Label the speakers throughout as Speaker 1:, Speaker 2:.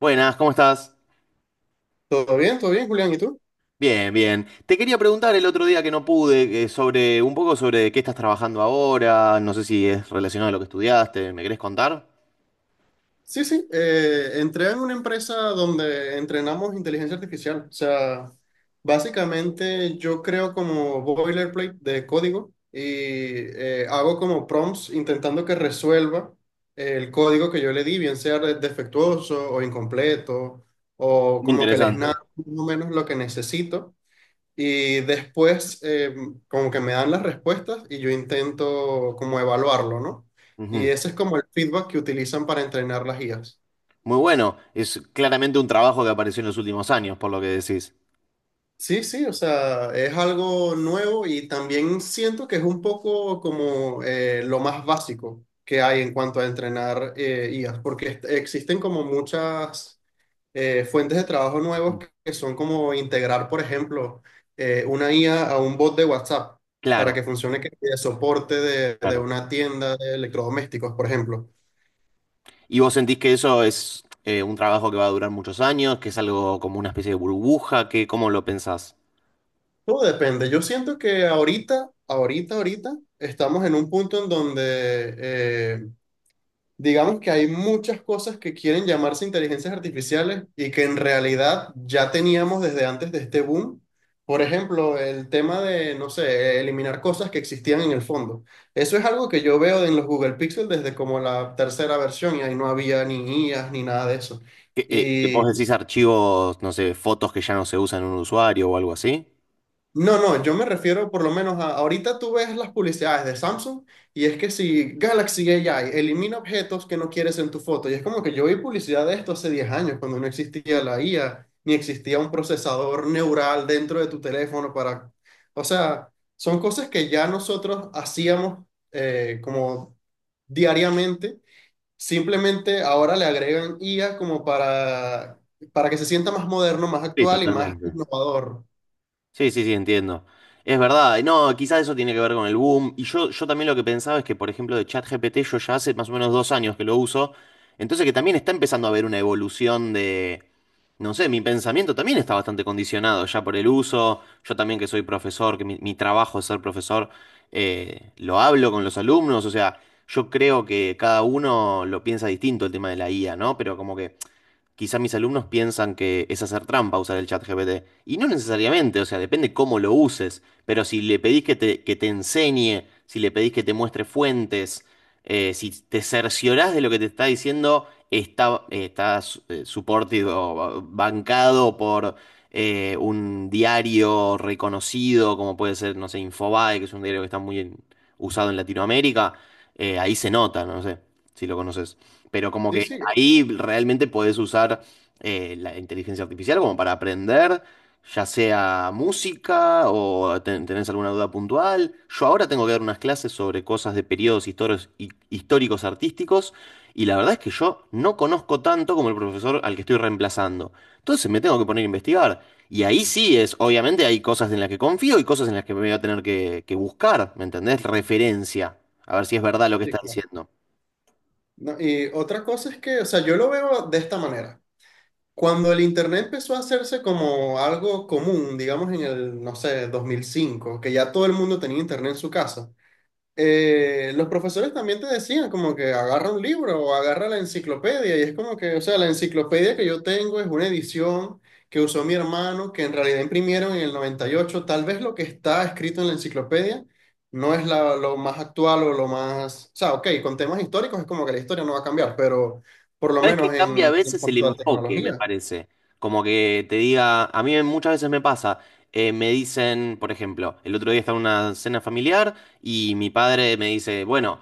Speaker 1: Buenas, ¿cómo estás?
Speaker 2: Todo bien, Julián. ¿Y tú?
Speaker 1: Bien, bien. Te quería preguntar el otro día que no pude, sobre un poco sobre qué estás trabajando ahora, no sé si es relacionado a lo que estudiaste, ¿me querés contar?
Speaker 2: Sí, sí. Entré en una empresa donde entrenamos inteligencia artificial. O sea, básicamente yo creo como boilerplate de código y hago como prompts intentando que resuelva el código que yo le di, bien sea defectuoso o incompleto, o como que les
Speaker 1: Interesante.
Speaker 2: narro más o menos lo que necesito. Y después, como que me dan las respuestas y yo intento como evaluarlo, ¿no? Y
Speaker 1: Ujú.
Speaker 2: ese es como el feedback que utilizan para entrenar las guías.
Speaker 1: Muy bueno, es claramente un trabajo que apareció en los últimos años, por lo que decís.
Speaker 2: Sí, sí, o sea, es algo nuevo y también siento que es un poco como lo más básico que hay en cuanto a entrenar IAs, porque existen como muchas fuentes de trabajo nuevos que son como integrar, por ejemplo, una IA a un bot de WhatsApp para
Speaker 1: Claro,
Speaker 2: que funcione de soporte de
Speaker 1: claro.
Speaker 2: una tienda de electrodomésticos, por ejemplo.
Speaker 1: ¿Y vos sentís que eso es un trabajo que va a durar muchos años, que es algo como una especie de burbuja? ¿Qué, ¿cómo lo pensás?
Speaker 2: Todo depende. Yo siento que ahorita, ahorita, ahorita, estamos en un punto en donde digamos que hay muchas cosas que quieren llamarse inteligencias artificiales y que en realidad ya teníamos desde antes de este boom. Por ejemplo, el tema de, no sé, eliminar cosas que existían en el fondo. Eso es algo que yo veo en los Google Pixel desde como la tercera versión y ahí no había ni guías ni nada de eso.
Speaker 1: ¿Qué, vos
Speaker 2: y
Speaker 1: decís archivos, no sé, fotos que ya no se usan en un usuario o algo así?
Speaker 2: No, no, yo me refiero por lo menos a, ahorita tú ves las publicidades de Samsung y es que si Galaxy AI elimina objetos que no quieres en tu foto, y es como que yo vi publicidad de esto hace 10 años, cuando no existía la IA, ni existía un procesador neural dentro de tu teléfono para... O sea, son cosas que ya nosotros hacíamos como diariamente, simplemente ahora le agregan IA como para que se sienta más moderno, más
Speaker 1: Sí,
Speaker 2: actual y más
Speaker 1: totalmente.
Speaker 2: innovador.
Speaker 1: Sí, sí, sí, entiendo. Es verdad. Y no, quizás eso tiene que ver con el boom. Y yo también lo que pensaba es que, por ejemplo, de ChatGPT yo ya hace más o menos dos años que lo uso. Entonces que también está empezando a haber una evolución de, no sé, mi pensamiento también está bastante condicionado ya por el uso. Yo también que soy profesor, que mi trabajo es ser profesor, lo hablo con los alumnos. O sea, yo creo que cada uno lo piensa distinto el tema de la IA, ¿no? Pero como que quizá mis alumnos piensan que es hacer trampa usar el chat GPT. Y no necesariamente, o sea, depende cómo lo uses. Pero si le pedís que te enseñe, si le pedís que te muestre fuentes, si te cerciorás de lo que te está diciendo, está supported o bancado por un diario reconocido, como puede ser, no sé, Infobae, que es un diario que está muy usado en Latinoamérica. Ahí se nota, no sé si lo conoces. Pero como
Speaker 2: Sí,
Speaker 1: que
Speaker 2: sí,
Speaker 1: ahí realmente podés usar la inteligencia artificial como para aprender, ya sea música o tenés alguna duda puntual. Yo ahora tengo que dar unas clases sobre cosas de periodos históricos, históricos artísticos, y la verdad es que yo no conozco tanto como el profesor al que estoy reemplazando. Entonces me tengo que poner a investigar. Y ahí sí es, obviamente hay cosas en las que confío y cosas en las que me voy a tener que buscar, ¿me entendés? Referencia, a ver si es verdad lo que
Speaker 2: sí,
Speaker 1: está
Speaker 2: claro.
Speaker 1: diciendo.
Speaker 2: No, y otra cosa es que, o sea, yo lo veo de esta manera. Cuando el Internet empezó a hacerse como algo común, digamos en el, no sé, 2005 que ya todo el mundo tenía Internet en su casa, los profesores también te decían como que agarra un libro o agarra la enciclopedia y es como que, o sea, la enciclopedia que yo tengo es una edición que usó mi hermano, que en realidad imprimieron en el noventa y ocho. Tal vez lo que está escrito en la enciclopedia no es lo más actual o lo más, o sea, ok, con temas históricos es como que la historia no va a cambiar, pero por lo
Speaker 1: Sabes que
Speaker 2: menos
Speaker 1: cambia a
Speaker 2: en
Speaker 1: veces el
Speaker 2: cuanto a
Speaker 1: enfoque, me
Speaker 2: tecnología.
Speaker 1: parece. Como que te diga, a mí muchas veces me pasa, me dicen, por ejemplo, el otro día estaba en una cena familiar y mi padre me dice, bueno,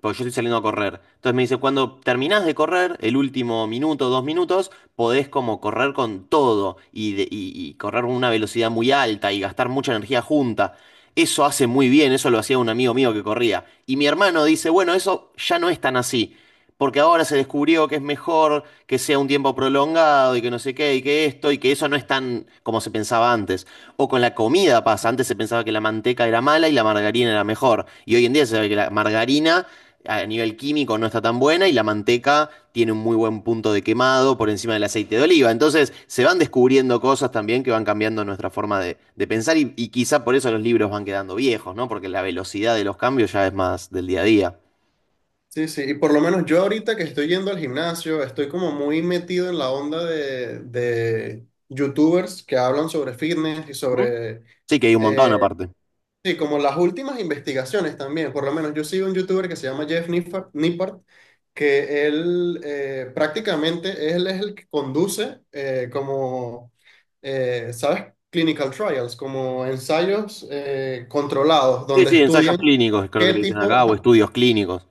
Speaker 1: porque yo estoy saliendo a correr. Entonces me dice, cuando terminás de correr, el último minuto, dos minutos, podés como correr con todo y y correr con una velocidad muy alta y gastar mucha energía junta. Eso hace muy bien, eso lo hacía un amigo mío que corría. Y mi hermano dice, bueno, eso ya no es tan así, porque ahora se descubrió que es mejor que sea un tiempo prolongado y que no sé qué, y que esto, y que eso no es tan como se pensaba antes. O con la comida pasa, antes se pensaba que la manteca era mala y la margarina era mejor, y hoy en día se sabe que la margarina a nivel químico no está tan buena y la manteca tiene un muy buen punto de quemado por encima del aceite de oliva. Entonces se van descubriendo cosas también que van cambiando nuestra forma de pensar y quizá por eso los libros van quedando viejos, ¿no? Porque la velocidad de los cambios ya es más del día a día.
Speaker 2: Sí, sí, y por lo menos yo ahorita que estoy yendo al gimnasio, estoy como muy metido en la onda de youtubers que hablan sobre fitness y
Speaker 1: Ujú.
Speaker 2: sobre,
Speaker 1: Sí, que hay un montón
Speaker 2: eh,
Speaker 1: aparte.
Speaker 2: sí, como las últimas investigaciones también. Por lo menos yo sigo un youtuber que se llama Jeff Nippard, Nippard, que él prácticamente él es el que conduce como, ¿sabes? Clinical trials, como ensayos controlados,
Speaker 1: Sí,
Speaker 2: donde
Speaker 1: sí, ensayos
Speaker 2: estudian
Speaker 1: clínicos, creo que
Speaker 2: qué
Speaker 1: le dicen
Speaker 2: tipo...
Speaker 1: acá, o
Speaker 2: Ajá.
Speaker 1: estudios clínicos.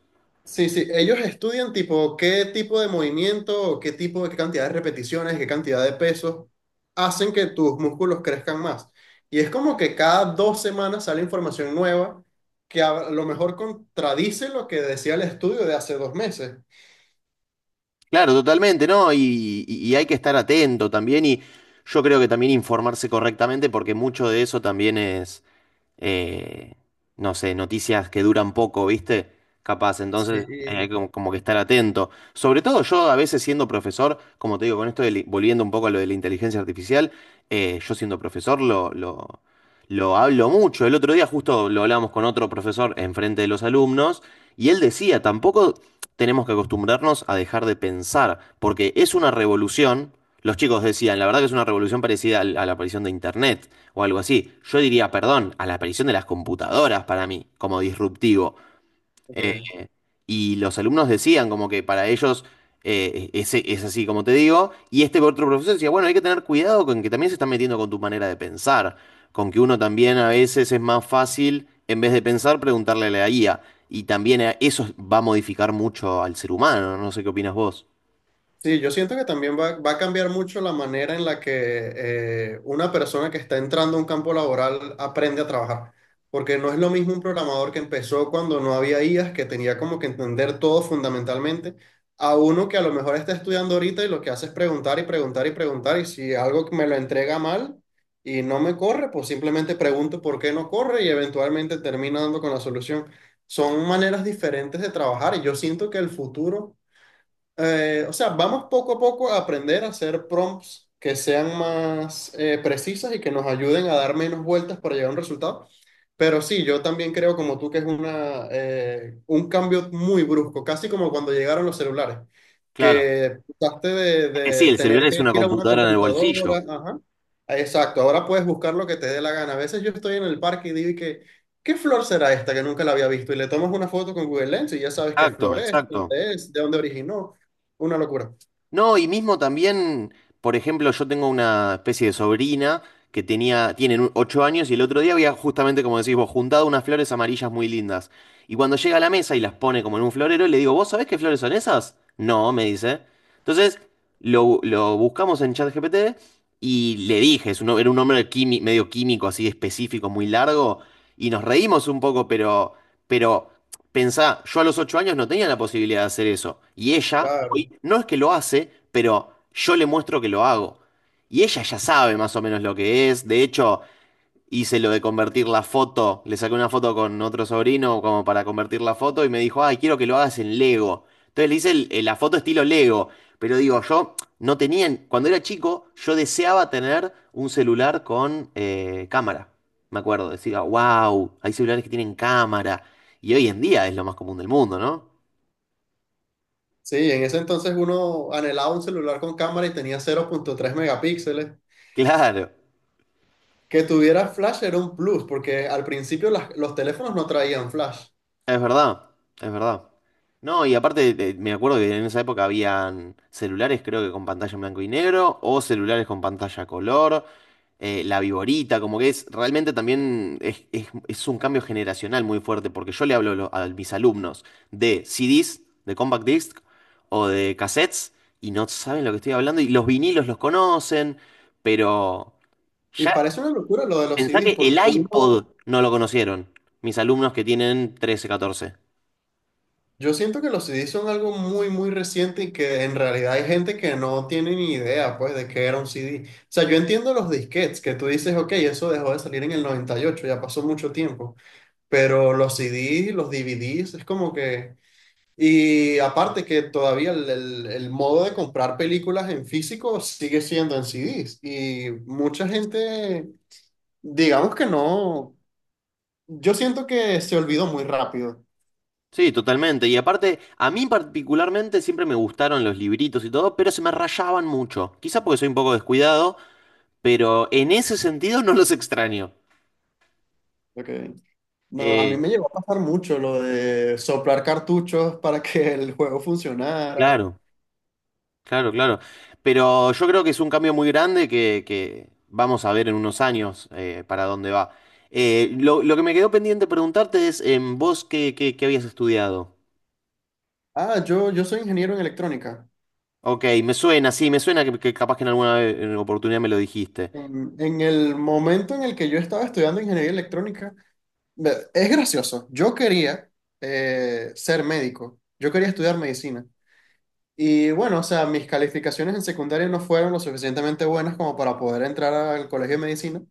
Speaker 2: Sí, sí, ellos estudian tipo qué tipo de movimiento, o qué tipo de qué cantidad de repeticiones, qué cantidad de pesos hacen que tus músculos crezcan más. Y es como que cada 2 semanas sale información nueva que a lo mejor contradice lo que decía el estudio de hace 2 meses.
Speaker 1: Claro, totalmente, ¿no? Y y hay que estar atento también y yo creo que también informarse correctamente porque mucho de eso también es, eh, no sé, noticias que duran poco, ¿viste? Capaz,
Speaker 2: Sí,
Speaker 1: entonces hay
Speaker 2: y-
Speaker 1: como, como que estar atento. Sobre todo yo a veces siendo profesor, como te digo, con esto de volviendo un poco a lo de la inteligencia artificial, yo siendo profesor lo hablo mucho. El otro día justo lo hablábamos con otro profesor enfrente de los alumnos y él decía, tampoco tenemos que acostumbrarnos a dejar de pensar, porque es una revolución. Los chicos decían, la verdad que es una revolución parecida a la aparición de Internet o algo así. Yo diría, perdón, a la aparición de las computadoras para mí, como disruptivo.
Speaker 2: ok.
Speaker 1: Y los alumnos decían como que para ellos es así, como te digo. Y este otro profesor decía, bueno, hay que tener cuidado con que también se están metiendo con tu manera de pensar. Con que uno también a veces es más fácil, en vez de pensar, preguntarle a la guía. Y también eso va a modificar mucho al ser humano. No sé qué opinas vos.
Speaker 2: Sí, yo siento que también va, va a cambiar mucho la manera en la que una persona que está entrando a un campo laboral aprende a trabajar. Porque no es lo mismo un programador que empezó cuando no había IAs, que tenía como que entender todo fundamentalmente, a uno que a lo mejor está estudiando ahorita y lo que hace es preguntar y preguntar y preguntar. Y si algo me lo entrega mal y no me corre, pues simplemente pregunto por qué no corre y eventualmente termino dando con la solución. Son maneras diferentes de trabajar y yo siento que el futuro o sea, vamos poco a poco a aprender a hacer prompts que sean más precisas y que nos ayuden a dar menos vueltas para llegar a un resultado. Pero sí, yo también creo como tú que es una, un cambio muy brusco, casi como cuando llegaron los celulares,
Speaker 1: Claro.
Speaker 2: que pasaste
Speaker 1: Es que sí,
Speaker 2: de
Speaker 1: el celular
Speaker 2: tener
Speaker 1: es
Speaker 2: que
Speaker 1: una
Speaker 2: ir a una
Speaker 1: computadora en el
Speaker 2: computadora.
Speaker 1: bolsillo.
Speaker 2: Ajá. Exacto, ahora puedes buscar lo que te dé la gana. A veces yo estoy en el parque y digo y que, ¿qué flor será esta que nunca la había visto? Y le tomas una foto con Google Lens y ya sabes qué
Speaker 1: Exacto,
Speaker 2: flor es,
Speaker 1: exacto.
Speaker 2: dónde es, de dónde originó. Una locura,
Speaker 1: No, y mismo también, por ejemplo, yo tengo una especie de sobrina que tiene 8 años y el otro día había justamente, como decís vos, juntado unas flores amarillas muy lindas. Y cuando llega a la mesa y las pone como en un florero, le digo, ¿vos sabés qué flores son esas? No, me dice. Entonces, lo buscamos en ChatGPT y le dije, es un, era un nombre medio químico, así específico, muy largo, y nos reímos un poco, pero pensá, yo a los 8 años no tenía la posibilidad de hacer eso. Y ella, hoy,
Speaker 2: claro.
Speaker 1: no es que lo hace, pero yo le muestro que lo hago. Y ella ya sabe más o menos lo que es. De hecho, hice lo de convertir la foto, le saqué una foto con otro sobrino como para convertir la foto y me dijo, ay, quiero que lo hagas en Lego. Entonces le hice la foto estilo Lego, pero digo, yo no tenía, cuando era chico, yo deseaba tener un celular con cámara. Me acuerdo, decía, wow, hay celulares que tienen cámara. Y hoy en día es lo más común del mundo, ¿no?
Speaker 2: Sí, en ese entonces uno anhelaba un celular con cámara y tenía 0.3 megapíxeles.
Speaker 1: Claro.
Speaker 2: Que tuviera flash era un plus, porque al principio los teléfonos no traían flash.
Speaker 1: Es verdad, es verdad. No, y aparte me acuerdo que en esa época habían celulares, creo que con pantalla en blanco y negro, o celulares con pantalla a color, la viborita, como que es realmente también es un cambio generacional muy fuerte, porque yo le hablo a, a mis alumnos de CDs, de compact disc o de cassettes, y no saben lo que estoy hablando, y los vinilos los conocen, pero
Speaker 2: Y
Speaker 1: ya
Speaker 2: parece una locura lo de los
Speaker 1: pensá
Speaker 2: CDs,
Speaker 1: que el
Speaker 2: porque
Speaker 1: iPod
Speaker 2: uno,
Speaker 1: no lo conocieron, mis alumnos que tienen 13 catorce.
Speaker 2: yo siento que los CDs son algo muy, muy reciente y que en realidad hay gente que no tiene ni idea, pues, de qué era un CD. O sea, yo entiendo los disquetes, que tú dices, ok, eso dejó de salir en el 98, ya pasó mucho tiempo. Pero los CDs, los DVDs, es como que... Y aparte que todavía el, el modo de comprar películas en físico sigue siendo en CDs. Y mucha gente, digamos que no, yo siento que se olvidó muy rápido.
Speaker 1: Sí, totalmente. Y aparte, a mí particularmente siempre me gustaron los libritos y todo, pero se me rayaban mucho. Quizá porque soy un poco descuidado, pero en ese sentido no los extraño.
Speaker 2: Ok. No, a mí
Speaker 1: Eh,
Speaker 2: me llegó a pasar mucho lo de soplar cartuchos para que el juego funcionara.
Speaker 1: claro, claro, claro. Pero yo creo que es un cambio muy grande que vamos a ver en unos años para dónde va. Lo que me quedó pendiente preguntarte es, ¿vos qué habías estudiado?
Speaker 2: Ah, yo soy ingeniero en electrónica.
Speaker 1: Ok, me suena, sí, me suena que capaz que en alguna oportunidad me lo dijiste.
Speaker 2: En el momento en el que yo estaba estudiando ingeniería electrónica, me- es gracioso, yo quería ser médico, yo quería estudiar medicina. Y bueno, o sea, mis calificaciones en secundaria no fueron lo suficientemente buenas como para poder entrar al colegio de medicina.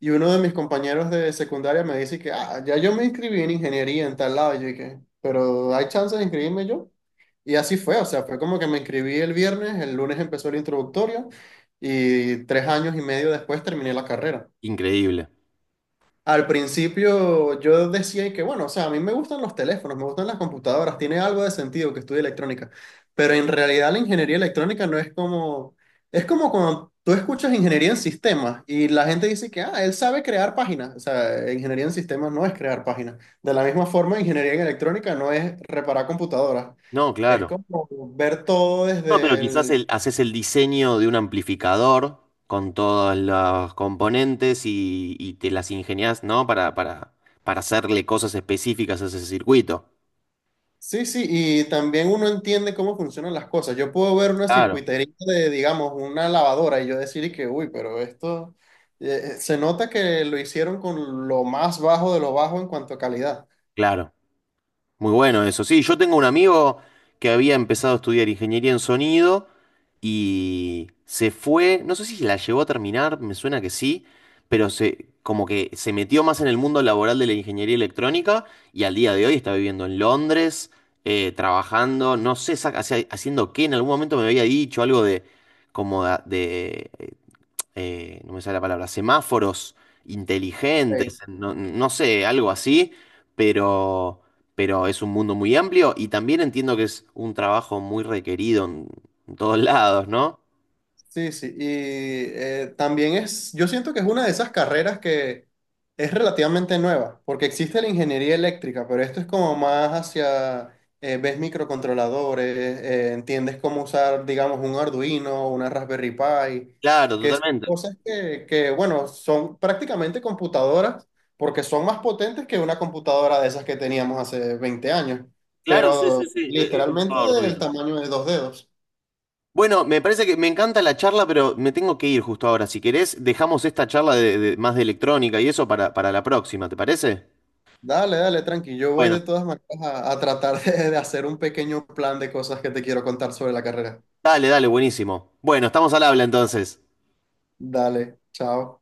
Speaker 2: Y uno de mis compañeros de secundaria me dice que, ah, ya yo me inscribí en ingeniería en tal lado. Y yo dije, pero ¿hay chance de inscribirme yo? Y así fue, o sea, fue como que me inscribí el viernes, el lunes empezó el introductorio y 3 años y medio después terminé la carrera.
Speaker 1: Increíble.
Speaker 2: Al principio yo decía que, bueno, o sea, a mí me gustan los teléfonos, me gustan las computadoras, tiene algo de sentido que estudie electrónica, pero en realidad la ingeniería electrónica no es como, es como cuando tú escuchas ingeniería en sistemas y la gente dice que, ah, él sabe crear páginas, o sea, ingeniería en sistemas no es crear páginas. De la misma forma, ingeniería en electrónica no es reparar computadoras,
Speaker 1: No,
Speaker 2: es
Speaker 1: claro.
Speaker 2: como ver todo
Speaker 1: No, pero
Speaker 2: desde
Speaker 1: quizás
Speaker 2: el,
Speaker 1: haces el diseño de un amplificador con todos los componentes y te las ingenias, ¿no? Para hacerle cosas específicas a ese circuito.
Speaker 2: sí, sí, y también uno entiende cómo funcionan las cosas. Yo puedo ver una
Speaker 1: Claro,
Speaker 2: circuitería de, digamos, una lavadora y yo decir y que, uy, pero esto se nota que lo hicieron con lo más bajo de lo bajo en cuanto a calidad.
Speaker 1: claro. Muy bueno eso. Sí, yo tengo un amigo que había empezado a estudiar ingeniería en sonido y se fue, no sé si la llegó a terminar, me suena que sí, pero se como que se metió más en el mundo laboral de la ingeniería electrónica y al día de hoy está viviendo en Londres, trabajando, no sé haciendo qué, en algún momento me había dicho algo de como de no me sale la palabra, semáforos inteligentes, no, no sé, algo así, pero, pero es un mundo muy amplio y también entiendo que es un trabajo muy requerido en todos lados, ¿no?
Speaker 2: Sí, sí, y también es, yo siento que es una de esas carreras que es relativamente nueva, porque existe la ingeniería eléctrica, pero esto es como más hacia, ves microcontroladores, entiendes cómo usar, digamos, un Arduino, una Raspberry Pi,
Speaker 1: Claro,
Speaker 2: que son
Speaker 1: totalmente.
Speaker 2: cosas que, bueno, son prácticamente computadoras, porque son más potentes que una computadora de esas que teníamos hace 20 años,
Speaker 1: Claro, sí, sí,
Speaker 2: pero
Speaker 1: sí. Por
Speaker 2: literalmente
Speaker 1: favor,
Speaker 2: del
Speaker 1: Rubino.
Speaker 2: tamaño de dos dedos.
Speaker 1: Bueno, me parece que me encanta la charla, pero me tengo que ir justo ahora. Si querés, dejamos esta charla más de electrónica y eso para la próxima, ¿te parece?
Speaker 2: Dale, dale, tranqui. Yo voy de
Speaker 1: Bueno,
Speaker 2: todas maneras a tratar de hacer un pequeño plan de cosas que te quiero contar sobre la carrera.
Speaker 1: dale, dale, buenísimo. Bueno, estamos al habla entonces.
Speaker 2: Dale, chao.